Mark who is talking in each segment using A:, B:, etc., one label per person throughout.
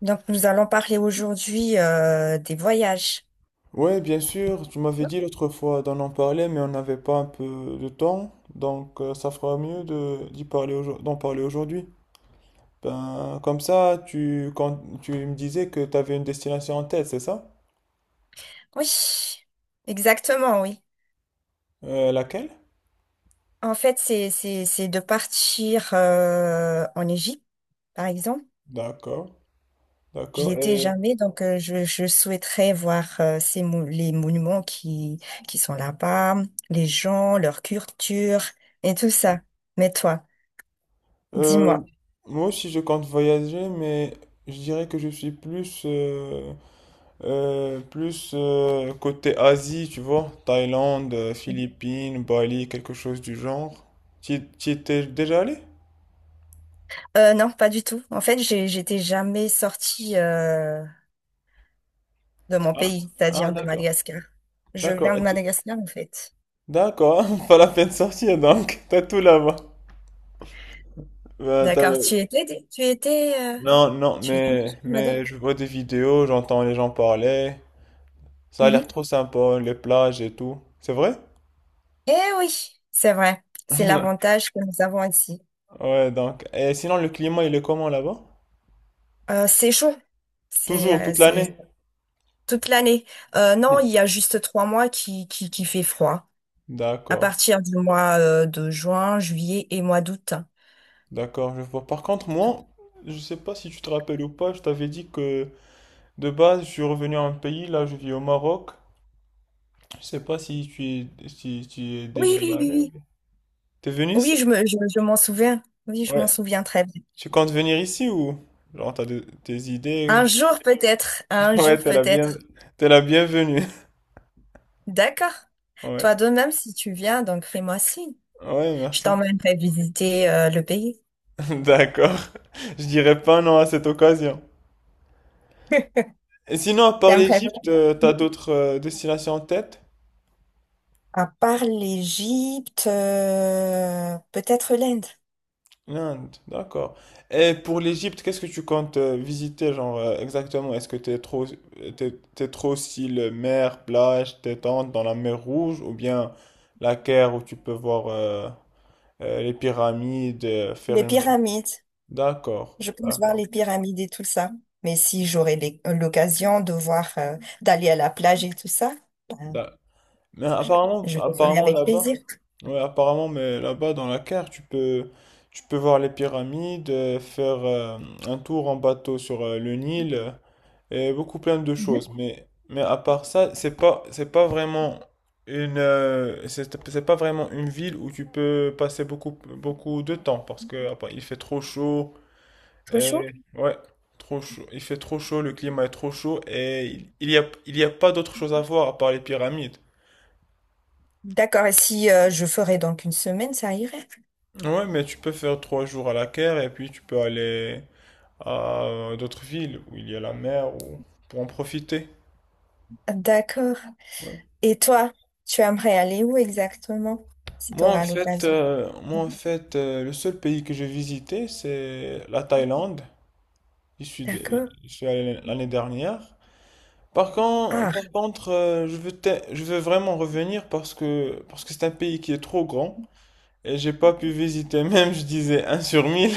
A: Donc, nous allons parler aujourd'hui des voyages.
B: Ouais, bien sûr, tu m'avais dit l'autre fois d'en en parler, mais on n'avait pas un peu de temps, donc ça fera mieux de d'y parler aujourd- d'en parler aujourd'hui. Ben, comme ça, tu me disais que tu avais une destination en tête, c'est ça?
A: Oui, exactement, oui.
B: Laquelle?
A: En fait, c'est de partir en Égypte, par exemple.
B: D'accord,
A: J'y
B: d'accord.
A: étais
B: Et
A: jamais, donc je souhaiterais voir les monuments qui sont là-bas, les gens, leur culture et tout ça. Mais toi,
B: euh,
A: dis-moi.
B: moi aussi, je compte voyager, mais je dirais que je suis plus plus côté Asie, tu vois, Thaïlande, Philippines, Bali, quelque chose du genre. Tu y étais déjà allé?
A: Non, pas du tout. En fait, j'étais jamais sortie de mon
B: Ah,
A: pays,
B: ah,
A: c'est-à-dire de
B: d'accord.
A: Madagascar. Je viens
B: D'accord. et
A: de
B: tu-
A: Madagascar, en fait.
B: D'accord, pas la peine de sortir donc, t'as tout là-bas. Euh, t'as-
A: D'accord, tu étais, euh,
B: non, non,
A: tu étais,
B: mais,
A: madame?
B: mais je vois des vidéos, j'entends les gens parler. Ça a l'air
A: Mhm.
B: trop sympa, les plages et tout. C'est vrai?
A: Eh oui, c'est vrai. C'est l'avantage que nous avons ici.
B: Ouais, donc. Et sinon, le climat, il est comment là-bas?
A: C'est chaud. C'est
B: Toujours,
A: euh,
B: toute
A: c'est
B: l'année?
A: toute l'année. Non, il y a juste 3 mois qui fait froid. À
B: D'accord.
A: partir du mois de juin, juillet et mois d'août.
B: D'accord, je vois. Par contre, moi, je sais pas si tu te rappelles ou pas, je t'avais dit que de base, je suis revenu à un pays, là, je vis au Maroc. Je sais pas si tu es, si tu y es déjà
A: Oui,
B: y
A: oui, oui,
B: allé.
A: oui.
B: T'es venu ici?
A: Oui, je m'en souviens. Oui, je m'en
B: Ouais.
A: souviens très bien.
B: Tu comptes venir ici ou? Genre, tes
A: Un
B: idées.
A: jour peut-être. Un jour
B: Ouais, t'es la bien,
A: peut-être.
B: T'es la bienvenue.
A: D'accord.
B: Ouais.
A: Toi de même, si tu viens, donc fais-moi signe.
B: Ouais,
A: Je
B: merci.
A: t'emmènerai visiter le pays.
B: D'accord. Je dirais pas non à cette occasion. Et sinon, à part
A: T'aimerais
B: l'Égypte, t'as
A: bien.
B: d'autres destinations en tête?
A: À part l'Égypte, peut-être l'Inde.
B: L'Inde, d'accord. Et pour l'Égypte, qu'est-ce que tu comptes visiter, genre, exactement? Est-ce que t'es trop, t'es, t'es trop style mer, plage, détente dans la mer Rouge, ou bien la Caire où tu peux voir les pyramides, faire
A: Les
B: une...
A: pyramides.
B: D'accord,
A: Je pense voir
B: d'accord.
A: les pyramides et tout ça. Mais si j'aurais l'occasion de voir, d'aller à la plage et tout ça, ben,
B: d'a- Mais
A: je,
B: apparemment,
A: je le ferai
B: apparemment
A: avec plaisir.
B: là-bas, ouais, apparemment, mais là-bas dans la Caire, tu peux voir les pyramides, faire un tour en bateau sur le Nil. Et beaucoup plein de
A: Mhm.
B: choses. Mais à part ça, c'est pas vraiment c'est pas vraiment une ville où tu peux passer beaucoup de temps parce que il fait trop chaud.
A: Trop chaud.
B: Et, ouais, trop chaud. Il fait trop chaud, le climat est trop chaud et il y a pas d'autre chose à voir à part les pyramides.
A: D'accord. Et si je ferais donc une semaine, ça irait.
B: Ouais, mais tu peux faire trois jours à la Caire et puis tu peux aller à d'autres villes où il y a la mer ou pour en profiter.
A: D'accord.
B: Ouais.
A: Et toi, tu aimerais aller où exactement si tu auras l'occasion?
B: Moi, en fait le seul pays que j'ai visité, c'est la Thaïlande. Je suis, de-
A: D'accord.
B: je suis allé l'année dernière. Par contre, par
A: Ah.
B: contre je veux, je veux vraiment revenir parce que c'est un pays qui est trop grand et j'ai pas pu visiter, même je disais un sur 1000.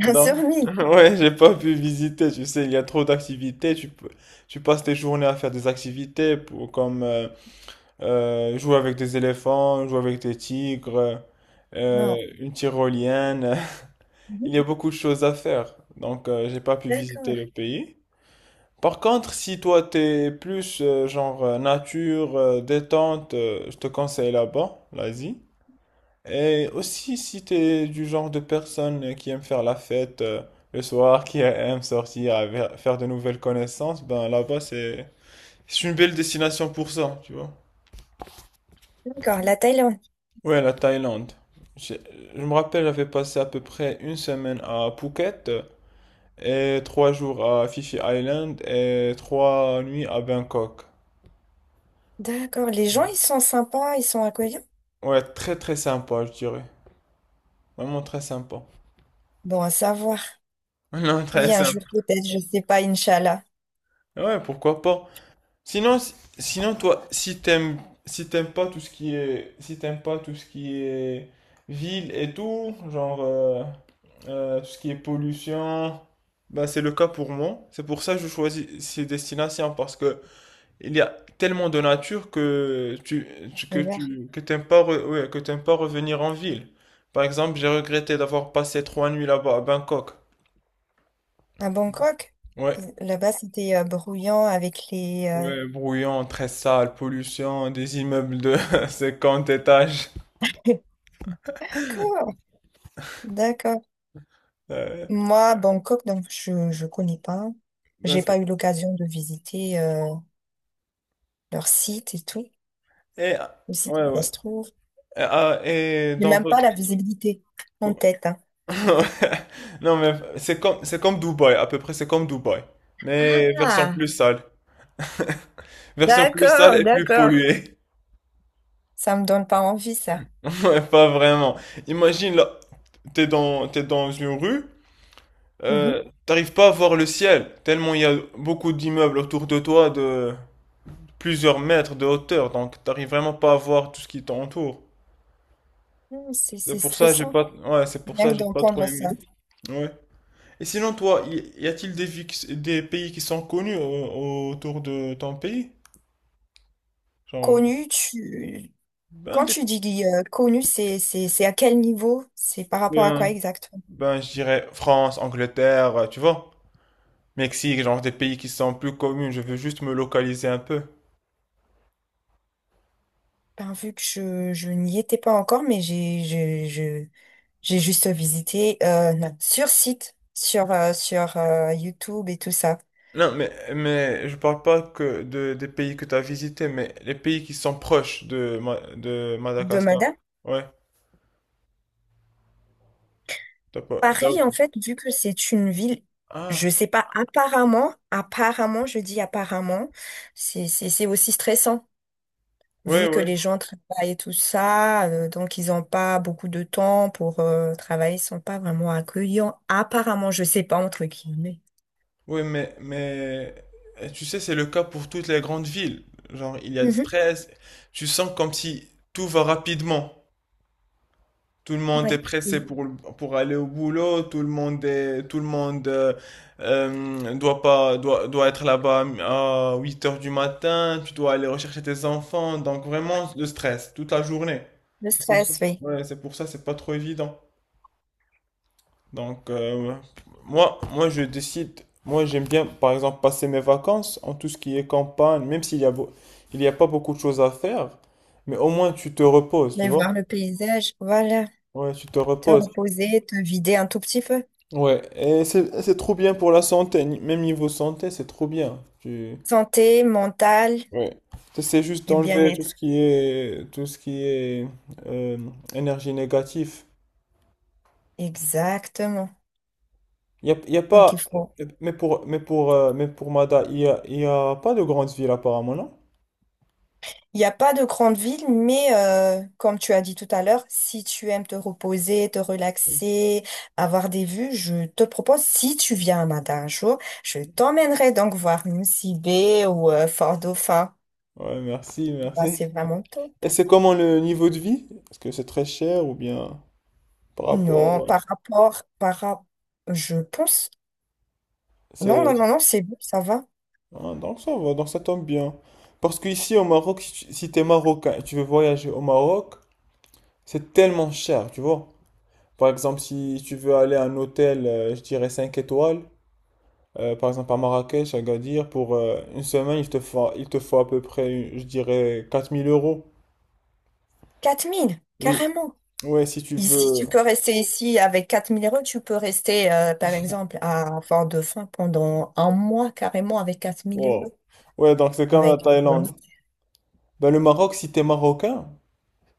A: Un sur
B: Donc,
A: 1 000.
B: ouais, j'ai pas pu visiter, tu sais, il y a trop d'activités. Tu peux, tu passes tes journées à faire des activités comme, jouer avec des éléphants, jouer avec des tigres,
A: Wow.
B: une tyrolienne. Il
A: Mhm.
B: y a beaucoup de choses à faire, donc j'ai pas pu visiter
A: D'accord,
B: le pays. Par contre, si toi t'es plus genre nature, détente, je te conseille là-bas, l'Asie. Et aussi si t'es du genre de personne qui aime faire la fête le soir, qui aime sortir, faire de nouvelles connaissances, ben là-bas c'est une belle destination pour ça, tu vois.
A: d'accord. La Thaïlande.
B: Ouais, la Thaïlande. J'ai- Je me rappelle, j'avais passé à peu près une semaine à Phuket et trois jours à Phi Phi Island et trois nuits à Bangkok.
A: D'accord. Les gens, ils sont sympas, ils sont accueillants.
B: Ouais, très très sympa, je dirais. Vraiment très sympa.
A: Bon, à savoir.
B: Non, très
A: Oui, un
B: sympa.
A: jour peut-être, je sais pas, Inch'Allah.
B: Ouais, pourquoi pas. Sinon, si- Sinon toi, si t'aimes, si t'aimes pas tout ce qui est, si t'aimes pas tout ce qui est ville et tout, genre tout ce qui est pollution, bah c'est le cas pour moi. C'est pour ça que je choisis ces destinations parce que il y a tellement de nature que tu,
A: L'hiver.
B: tu, que t'aimes pas, ouais, que t'aimes pas revenir en ville. Par exemple, j'ai regretté d'avoir passé trois nuits là-bas à Bangkok.
A: À Bangkok,
B: Ouais.
A: là-bas, c'était brouillant avec les.
B: Ouais, bruyant, très sale, pollution, des immeubles de 50 étages.
A: D'accord, d'accord.
B: Euh,
A: Moi, Bangkok, donc je connais pas.
B: ben,
A: J'ai
B: c'est-
A: pas eu l'occasion de visiter leur site et tout.
B: et, ah,
A: Aussi,
B: ouais, ouais.
A: ça se trouve.
B: Et, ah, et
A: J'ai
B: dans
A: même pas
B: votre
A: la visibilité en
B: co-
A: tête, hein.
B: Non, mais c'est comme Dubaï, à peu près c'est comme Dubaï. Mais version
A: Ah,
B: plus sale. Version plus sale
A: d'accord,
B: et plus
A: d'accord.
B: polluée.
A: Ça me donne pas envie, ça.
B: Ouais, pas vraiment. Imagine là, t'es dans une rue,
A: Mhm.
B: t'arrives pas à voir le ciel, tellement il y a beaucoup d'immeubles autour de toi de plusieurs mètres de hauteur, donc t'arrives vraiment pas à voir tout ce qui t'entoure.
A: C'est, c'est stressant,
B: C'est pour
A: rien que
B: ça j'ai pas trop
A: d'entendre
B: aimé.
A: ça.
B: Ouais. Et sinon, toi, y a-t-il des, des pays qui sont connus autour de ton pays? Genre,
A: Connu, tu... Quand
B: ben, des-
A: tu dis connu, c'est à quel niveau? C'est par rapport à quoi
B: ben,
A: exactement?
B: ben, je dirais France, Angleterre, tu vois, Mexique, genre des pays qui sont plus connus, je veux juste me localiser un peu.
A: Ben, vu que je n'y étais pas encore, mais j'ai juste visité non, sur site, sur YouTube et tout ça.
B: Non, mais je parle pas que des pays que tu as visités, mais les pays qui sont proches de, de Madagascar.
A: Domada?
B: Ouais, t'as pas,
A: Paris, en
B: t'as-
A: fait, vu que c'est une ville, je
B: Ah,
A: sais pas, apparemment, apparemment, je dis apparemment, c'est aussi stressant,
B: ouais,
A: vu que
B: ouais.
A: les gens travaillent et tout ça, donc ils n'ont pas beaucoup de temps pour travailler, ils sont pas vraiment accueillants, apparemment, je sais pas, entre guillemets.
B: Oui, mais tu sais, c'est le cas pour toutes les grandes villes. Genre, il y a du
A: Mhm,
B: stress. Tu sens comme si tout va rapidement. Tout le monde est
A: oui,
B: pressé
A: oui.
B: pour aller au boulot. Tout le monde doit pas, doit, doit être là-bas à 8 heures du matin. Tu dois aller rechercher tes enfants. Donc, vraiment, le stress toute la journée.
A: Le
B: C'est pour ça.
A: stress, oui.
B: Ouais, c'est pour ça, c'est pas trop évident. Donc, moi, je décide. Moi, j'aime bien, par exemple, passer mes vacances en tout ce qui est campagne, même s'il y a, beau- il y a pas beaucoup de choses à faire. Mais au moins, tu te reposes, tu
A: Mais
B: vois?
A: voir le paysage, voilà,
B: Ouais, tu te
A: te
B: reposes.
A: reposer, te vider un tout petit peu.
B: Ouais, c'est trop bien pour la santé. Même niveau santé, c'est trop bien. Tu,
A: Santé mentale
B: ouais. T'essaies juste
A: et
B: d'enlever
A: bien-être.
B: tout ce qui est euh, énergie négative.
A: Exactement.
B: Y a
A: Donc
B: pas.
A: il faut.
B: Mais pour Mada, y a pas de grande ville apparemment, non?
A: Il n'y a pas de grande ville, mais comme tu as dit tout à l'heure, si tu aimes te reposer, te relaxer, avoir des vues, je te propose, si tu viens à Mada un jour, je t'emmènerai donc voir Lucy Bay ou Fort Dauphin.
B: Ouais, merci,
A: Bah, c'est
B: merci.
A: vraiment top.
B: Et c'est comment le niveau de vie? Est-ce que c'est très cher ou bien par
A: Non,
B: rapport...
A: par rapport, je pense, non, non,
B: C'est...
A: non, non, c'est bon, ça va.
B: Ah, donc ça va, donc ça tombe bien. Parce qu'ici au Maroc, si t'es marocain et tu veux voyager au Maroc, c'est tellement cher, tu vois. Par exemple, si tu veux aller à un hôtel, je dirais 5 étoiles, par exemple à Marrakech, à Agadir, pour une semaine, il te faut à peu près, je dirais, 4 000 euros.
A: 4000,
B: Oui,
A: carrément.
B: ouais, si tu
A: Ici,
B: veux...
A: tu peux rester ici avec 4 000 euros, tu peux rester, par exemple, à Fort-Dauphin pendant un mois carrément avec 4 000 euros.
B: Wow. Ouais, donc c'est comme la
A: Avec mon
B: Thaïlande.
A: autre.
B: Ben, le Maroc, si t'es marocain,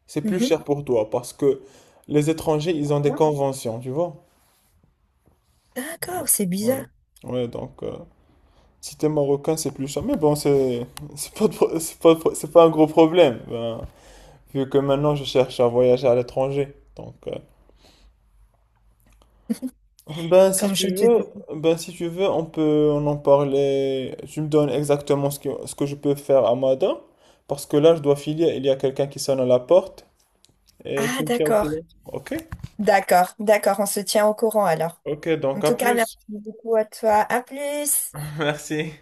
B: c'est plus
A: Mhm.
B: cher pour toi parce que les étrangers, ils ont des conventions, tu vois.
A: D'accord, c'est
B: Ouais.
A: bizarre,
B: Ouais, donc si t'es marocain, c'est plus cher. Mais bon, c'est pas, de pro- c'est pas, de pro- c'est pas un gros problème, ben, vu que maintenant je cherche à voyager à l'étranger. Donc, ben si
A: comme je
B: tu
A: te
B: veux,
A: dis.
B: ben si tu veux, on en parler. Tu me donnes exactement ce que je peux faire à Mada, parce que là, je dois filer. Il y a quelqu'un qui sonne à la porte et
A: Ah,
B: tu me tiens au
A: d'accord,
B: courant. Ok?
A: d'accord, d'accord, on se tient au courant alors.
B: Ok,
A: En
B: donc à
A: tout cas, merci
B: plus.
A: beaucoup à toi. À plus.
B: Merci.